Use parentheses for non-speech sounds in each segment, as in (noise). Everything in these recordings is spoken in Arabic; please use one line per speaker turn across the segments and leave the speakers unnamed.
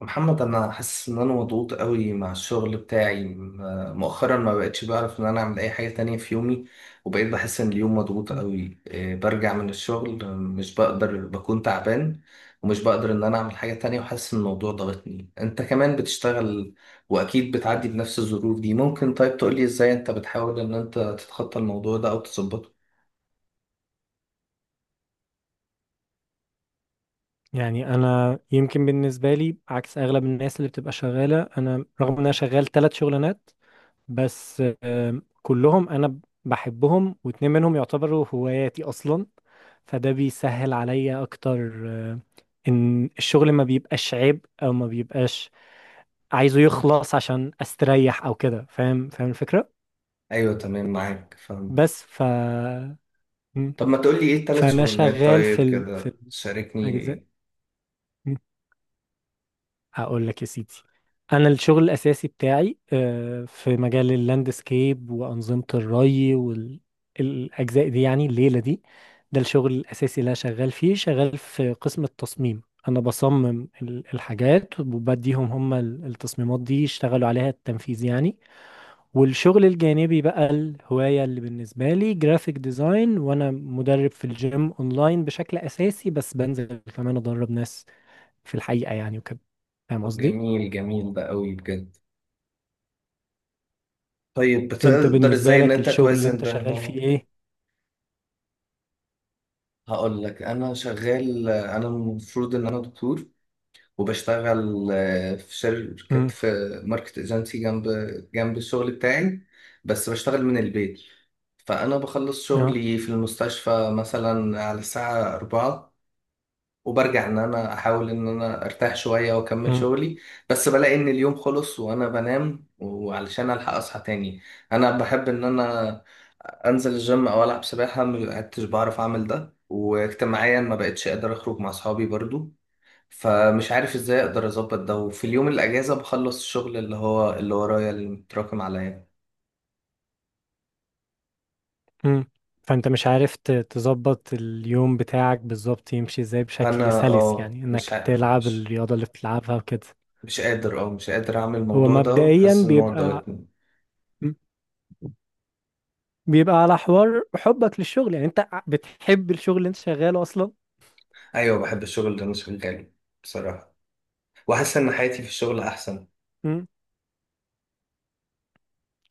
محمد، انا حاسس ان انا مضغوط قوي مع الشغل بتاعي مؤخرا ما بقتش بعرف ان انا اعمل اي حاجة تانية في يومي. وبقيت بحس ان اليوم مضغوط قوي إيه، برجع من الشغل، مش بقدر، بكون تعبان. ومش بقدر ان انا اعمل حاجة تانية، وحاسس ان الموضوع ضغطني. انت كمان بتشتغل واكيد بتعدي بنفس الظروف دي. ممكن طيب تقولي ازاي انت بتحاول ان انت تتخطى الموضوع ده او تظبطه؟
يعني انا يمكن بالنسبه لي عكس اغلب الناس اللي بتبقى شغاله، انا رغم ان انا شغال 3 شغلانات، بس كلهم انا بحبهم، واتنين منهم يعتبروا هواياتي اصلا. فده بيسهل عليا اكتر ان الشغل ما بيبقاش عيب او ما بيبقاش عايزه يخلص عشان استريح او كده. فاهم فاهم الفكره.
ايوه، تمام، معاك، فاهم.
بس. ف م.
طب ما تقولي ايه التلات
فانا
شغلانات؟
شغال في
طيب
ال... في
كده
الاجزاء.
شاركني.
هقول لك يا سيدي. انا الشغل الاساسي بتاعي في مجال اللاندسكيب وانظمه الري، والاجزاء دي يعني الليله دي. ده الشغل الاساسي اللي انا شغال فيه، شغال في قسم التصميم. انا بصمم الحاجات وبديهم هم التصميمات دي يشتغلوا عليها التنفيذ يعني. والشغل الجانبي بقى الهوايه اللي بالنسبه لي جرافيك ديزاين، وانا مدرب في الجيم اونلاين بشكل اساسي، بس بنزل كمان ادرب ناس في الحقيقه يعني وكده. فاهم
طب،
قصدي؟
جميل جميل ده قوي بجد. طيب،
انت
بتقدر
بالنسبة
ازاي ان
لك
انت
الشغل اللي
توازن
انت شغال
بينهم؟
فيه ايه؟
هقول لك. انا شغال، انا المفروض ان انا دكتور. وبشتغل في شركة،
امم.
في ماركت ايجنسي جنب الشغل بتاعي. بس بشتغل من البيت. فانا بخلص
اه.
شغلي في المستشفى مثلا على الساعة 4، وبرجع ان انا احاول ان انا ارتاح شوية واكمل
امم.
شغلي. بس بلاقي ان اليوم خلص وانا بنام، وعلشان الحق اصحى تاني. انا بحب ان انا انزل الجيم او العب سباحة، ما بقتش بعرف اعمل ده. واجتماعيا ما بقتش اقدر اخرج مع اصحابي برضو. فمش عارف ازاي اقدر اظبط ده، وفي اليوم الاجازة بخلص الشغل اللي هو اللي ورايا اللي متراكم عليا.
امم. فانت مش عارف تظبط اليوم بتاعك بالظبط يمشي ازاي بشكل
فانا
سلس، يعني
مش
انك
عارف،
تلعب
مش
الرياضة اللي بتلعبها وكده.
مش قادر، اعمل
هو
الموضوع ده،
مبدئيا
وحاسس ان هو
بيبقى
ضغطني.
مم. بيبقى على حوار حبك للشغل، يعني انت بتحب الشغل اللي انت شغاله اصلا.
ايوه، بحب الشغل اللي انا شغاله بصراحه، وحاسس ان حياتي في الشغل احسن.
امم.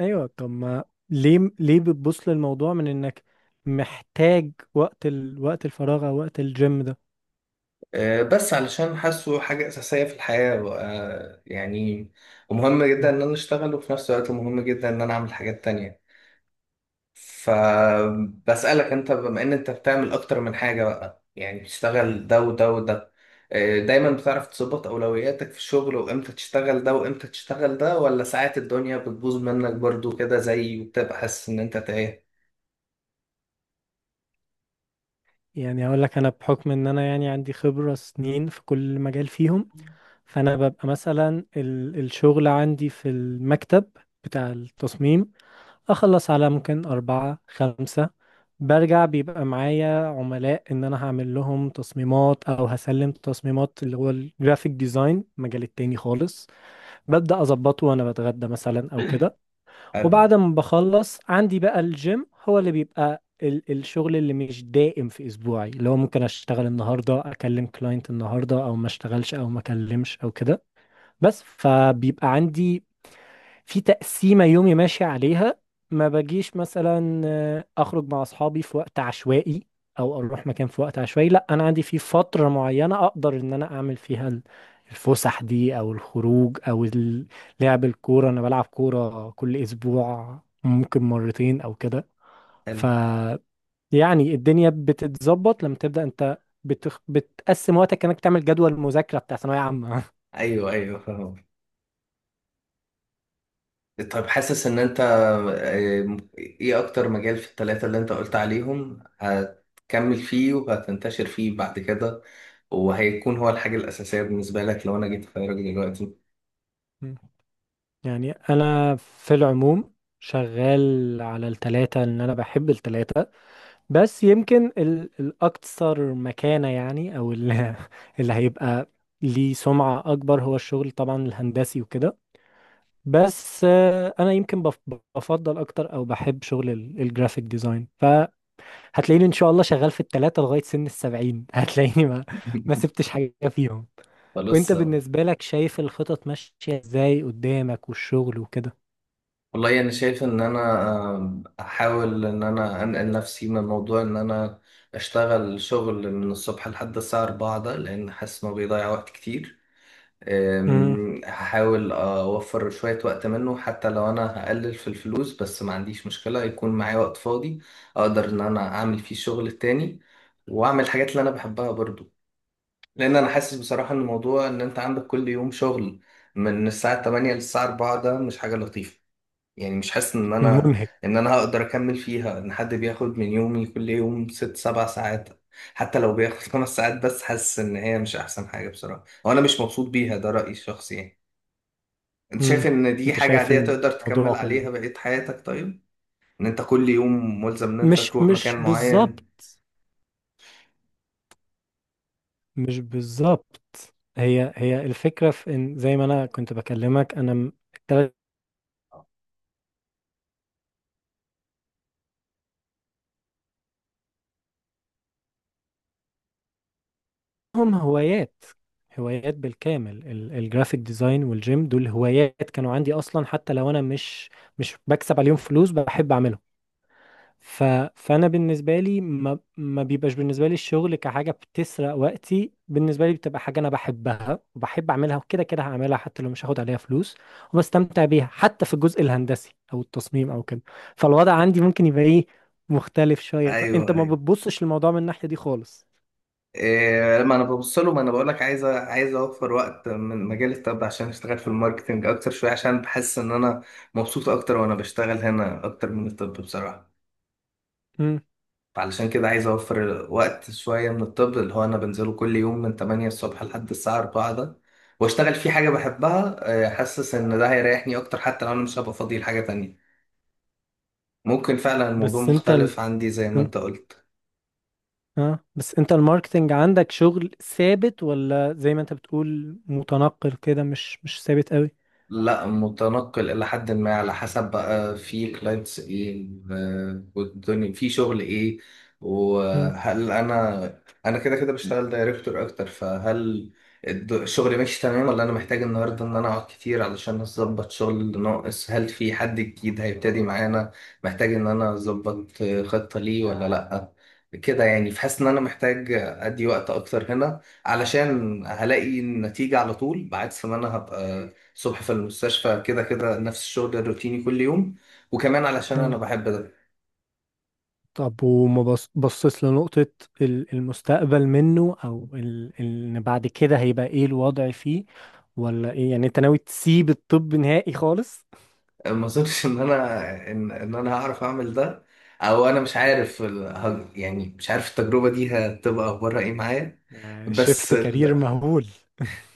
ايوه. طب ما ليه بتبص للموضوع من انك محتاج وقت الفراغ او وقت الجيم ده؟
بس علشان حاسه حاجه اساسيه في الحياه، يعني. ومهم جدا ان انا اشتغل، وفي نفس الوقت مهم جدا ان انا اعمل حاجات تانية. فبسالك انت، بما ان انت بتعمل اكتر من حاجه بقى، يعني بتشتغل ده وده وده، دايما بتعرف تظبط اولوياتك في الشغل، وامتى تشتغل ده وامتى تشتغل ده، ولا ساعات الدنيا بتبوظ منك برضو كده وبتبقى حاسس ان انت تايه؟
يعني هقول لك، انا بحكم ان انا يعني عندي خبرة سنين في كل مجال فيهم، فانا ببقى مثلا الشغل عندي في المكتب بتاع التصميم اخلص على ممكن اربعة خمسة. برجع بيبقى معايا عملاء ان انا هعمل لهم تصميمات او هسلم تصميمات، اللي هو الجرافيك ديزاين، المجال التاني خالص، ببدأ اظبطه وانا بتغدى مثلا او كده.
حلو.
وبعد ما بخلص عندي بقى الجيم هو اللي بيبقى الشغل اللي مش دائم في اسبوعي، اللي هو ممكن اشتغل النهارده اكلم كلاينت النهارده او ما اشتغلش او ما اكلمش او كده. بس فبيبقى عندي في تقسيمة يومي ماشي عليها، ما بجيش مثلا أخرج مع أصحابي في وقت عشوائي، أو أروح مكان في وقت عشوائي، لأ، أنا عندي في فترة معينة أقدر إن أنا أعمل فيها الفسح دي، أو الخروج، أو لعب الكورة. أنا بلعب كورة كل أسبوع ممكن مرتين أو كده. ف
حلو.
يعني الدنيا بتتظبط لما تبدأ أنت بتقسم وقتك كأنك بتعمل جدول مذاكرة بتاع ثانوية عامة.
ايوه، ايوه، فاهم. طيب، حاسس ان انت، ايه اكتر مجال في الثلاثة اللي انت قلت عليهم هتكمل فيه وهتنتشر فيه بعد كده، وهيكون هو الحاجة الأساسية بالنسبة لك، لو انا جيت اخيرك دلوقتي؟
(laughs) يعني انا في العموم شغال على التلاتة، ان انا بحب التلاتة، بس يمكن الاكثر مكانة يعني، او اللي, (laughs) اللي هيبقى ليه سمعة اكبر هو الشغل طبعا الهندسي وكده. بس انا يمكن بفضل اكتر او بحب شغل الجرافيك ديزاين. فهتلاقيني ان شاء الله شغال في التلاتة لغاية سن الـ70. (laughs) هتلاقيني ما
(laughs)
سبتش حاجة فيهم. وانت
فبص.
بالنسبة لك شايف الخطط ماشية ازاي قدامك والشغل وكده؟
والله انا شايف ان انا، احاول ان انا انقل نفسي من موضوع ان انا اشتغل شغل من الصبح لحد الساعة 4 ده، لان حاسس انه بيضيع وقت كتير. هحاول أوفر شوية وقت منه، حتى لو أنا هقلل في الفلوس، بس ما عنديش مشكلة يكون معايا وقت فاضي. أقدر إن أنا أعمل فيه شغل تاني، وأعمل الحاجات اللي أنا بحبها برضو. لأن أنا حاسس بصراحة إن الموضوع، إن أنت عندك كل يوم شغل من الساعة 8 للساعة 4، ده مش حاجة لطيفة. يعني مش حاسس ان انا
منهك.
هقدر اكمل فيها، ان حد بياخد من يومي كل يوم ست سبع ساعات. حتى لو بياخد (laughs) خمس ساعات. بس حاسس ان هي مش احسن حاجة بصراحة، وانا مش مبسوط بيها. ده رأيي الشخصي يعني. انت
مم.
شايف ان دي
انت
حاجة
شايف
عادية تقدر
الموضوع
تكمل
كله.
عليها بقية حياتك طيب؟ ان انت كل يوم ملزم ان انت
مش
تروح مكان
مش بالظبط،
معين؟
مش بالظبط، هي هي الفكرة في ان زي ما انا كنت بكلمك انا التلاتهم هوايات، هوايات بالكامل، الجرافيك ديزاين والجيم دول هوايات كانوا عندي اصلا، حتى لو انا مش بكسب عليهم فلوس بحب اعملهم. ف... فانا بالنسبه لي ما بيبقاش بالنسبه لي الشغل كحاجه بتسرق وقتي، بالنسبه لي بتبقى حاجه انا بحبها وبحب اعملها، وكده كده هعملها حتى لو مش هاخد عليها فلوس. وبستمتع بيها حتى في الجزء الهندسي او التصميم او كده. فالوضع عندي ممكن يبقى ايه، مختلف شويه. انت
ايوه،
ما
ايوه.
بتبصش للموضوع من الناحيه دي خالص.
إيه، ما انا ببص له. ما انا بقول لك: عايز عايز اوفر وقت من مجال الطب عشان اشتغل في الماركتنج اكتر شويه، عشان بحس ان انا مبسوط اكتر وانا بشتغل هنا اكتر من الطب بصراحه.
امم.
علشان كده عايز اوفر وقت شويه من الطب، اللي هو انا بنزله كل يوم من 8 الصبح لحد الساعه 4 ده، واشتغل فيه حاجه بحبها. حاسس ان ده هيريحني اكتر، حتى لو انا مش هبقى فاضي لحاجه تانية. ممكن فعلا الموضوع
بس انت ال...
مختلف عندي زي ما
مم.
انت قلت.
اه بس انت الماركتنج عندك شغل ثابت، ولا زي ما انت بتقول متنقل كده، مش ثابت قوي؟
لا، متنقل إلى حد ما، على حسب بقى في كلاينتس إيه، والدنيا في شغل إيه. وهل أنا كده كده بشتغل دايركتور أكتر، فهل الشغل ماشي تمام، ولا أنا محتاج النهاردة إن أنا أقعد كتير علشان أظبط شغل اللي ناقص. هل في حد جديد هيبتدي معانا محتاج إن أنا أظبط خطة ليه ولا لأ؟ كده يعني. فحاسس إن أنا محتاج أدي وقت أكتر هنا، علشان هلاقي النتيجة على طول، بعكس ما أنا هبقى الصبح في المستشفى، كده كده نفس الشغل الروتيني كل يوم. وكمان علشان
امم.
انا بحب ده.
طب وما بصيت لنقطة المستقبل منه، أو إن بعد كده هيبقى إيه الوضع فيه، ولا إيه يعني أنت ناوي تسيب الطب نهائي خالص؟
ما اظنش إن انا هعرف اعمل ده. او انا مش عارف ال- ه- يعني مش عارف التجربة دي هتبقى اخبارها ايه معايا.
(laughs)
بس
شيفت كارير
ال...
مهول.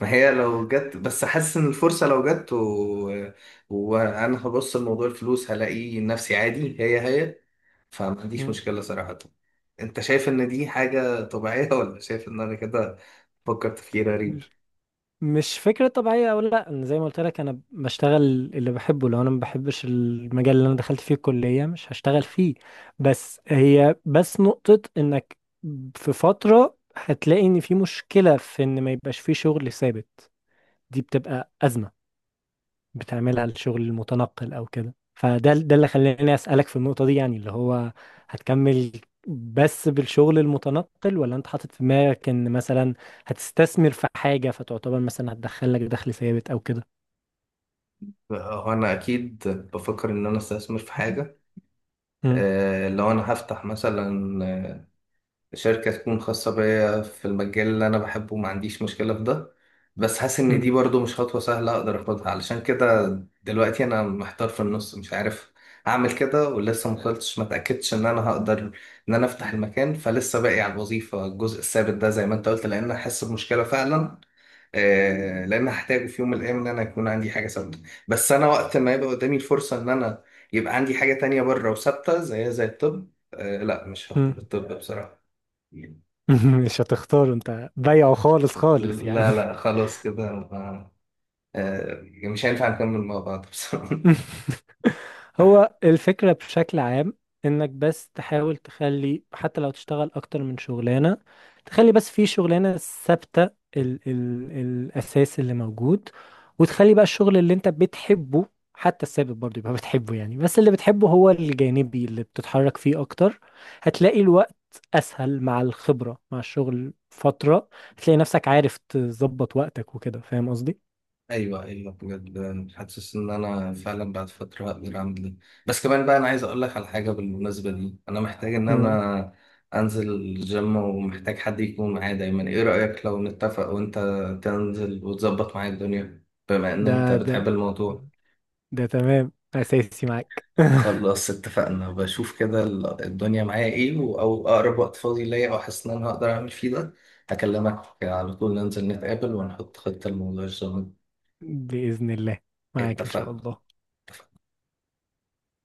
ما هي لو جت، بس حاسس ان الفرصة لو جت وانا هبص لموضوع الفلوس هلاقي نفسي عادي، هي هي. فما عنديش
مم.
مشكلة صراحة. انت شايف ان دي حاجة طبيعية ولا شايف ان انا كده بفكر تفكير غريب؟
مش مش فكرة طبيعية، أو لأ، أنا زي ما قلت لك أنا بشتغل اللي بحبه، لو أنا ما بحبش المجال اللي أنا دخلت فيه الكلية مش هشتغل فيه. بس هي بس نقطة إنك في فترة هتلاقي إن في مشكلة في إن ما يبقاش فيه شغل ثابت، دي بتبقى أزمة بتعملها لشغل المتنقل أو كده، فده اللي خلاني أسألك في النقطة دي يعني، اللي هو هتكمل بس بالشغل المتنقل، ولا أنت حاطط في دماغك إن مثلا هتستثمر في حاجة فتعتبر مثلا هتدخل لك دخل ثابت أو كده؟
هو انا اكيد بفكر ان انا استثمر في حاجه.
مم.
لو انا هفتح مثلا، شركه تكون خاصه بيا في المجال اللي انا بحبه، ما عنديش مشكله في ده. بس حاسس ان
مم.
دي برضو مش خطوه سهله اقدر اخدها. علشان كده دلوقتي انا محتار في النص، مش عارف اعمل كده. ولسه ما وصلتش، ما اتاكدتش ان انا هقدر ان انا افتح المكان. فلسه باقي على الوظيفه الجزء الثابت ده زي ما انت قلت، لان احس بمشكله فعلا. لان هحتاجه في يوم من الايام ان انا يكون عندي حاجه ثابته. بس انا وقت ما يبقى قدامي الفرصه ان انا يبقى عندي حاجه تانية بره وثابته، زي الطب، لا، مش هختار
مم.
الطب بصراحه.
(laughs) مش هتختار، أنت بايعه خالص خالص يعني.
لا، لا، خلاص كده، آه، مش هينفع نكمل مع بعض بصراحه.
(laughs) هو الفكرة بشكل عام انك بس تحاول تخلي، حتى لو تشتغل اكتر من شغلانة، تخلي بس في شغلانة ثابتة، ال ال الاساس اللي موجود، وتخلي بقى الشغل اللي انت بتحبه، حتى الثابت برضه يبقى بتحبه يعني، بس اللي بتحبه هو الجانبي اللي بتتحرك فيه اكتر، هتلاقي الوقت اسهل مع الخبرة مع الشغل فترة، هتلاقي نفسك عارف تظبط وقتك وكده. فاهم قصدي؟
ايوه، ايوه، بجد حاسس ان انا فعلا بعد فتره اقدر اعمل ده. بس كمان بقى، انا عايز اقول لك على حاجه بالمناسبه دي. انا محتاج ان
إنه.
انا انزل الجيم، ومحتاج حد يكون معايا دايما. ايه رايك لو نتفق وانت تنزل وتظبط معايا الدنيا، بما ان
ده
انت
ده
بتحب الموضوع؟
ده تمام أساسي معاك. (laughs)
خلاص اتفقنا. بشوف كده الدنيا معايا ايه، او اقرب وقت فاضي ليا، او حاسس ان انا هقدر اعمل فيه ده. هكلمك على طول، ننزل نتقابل ونحط خطه لموضوع الجيم.
بإذن الله، معاك إن شاء
اتفقنا.
الله.
اتفقنا.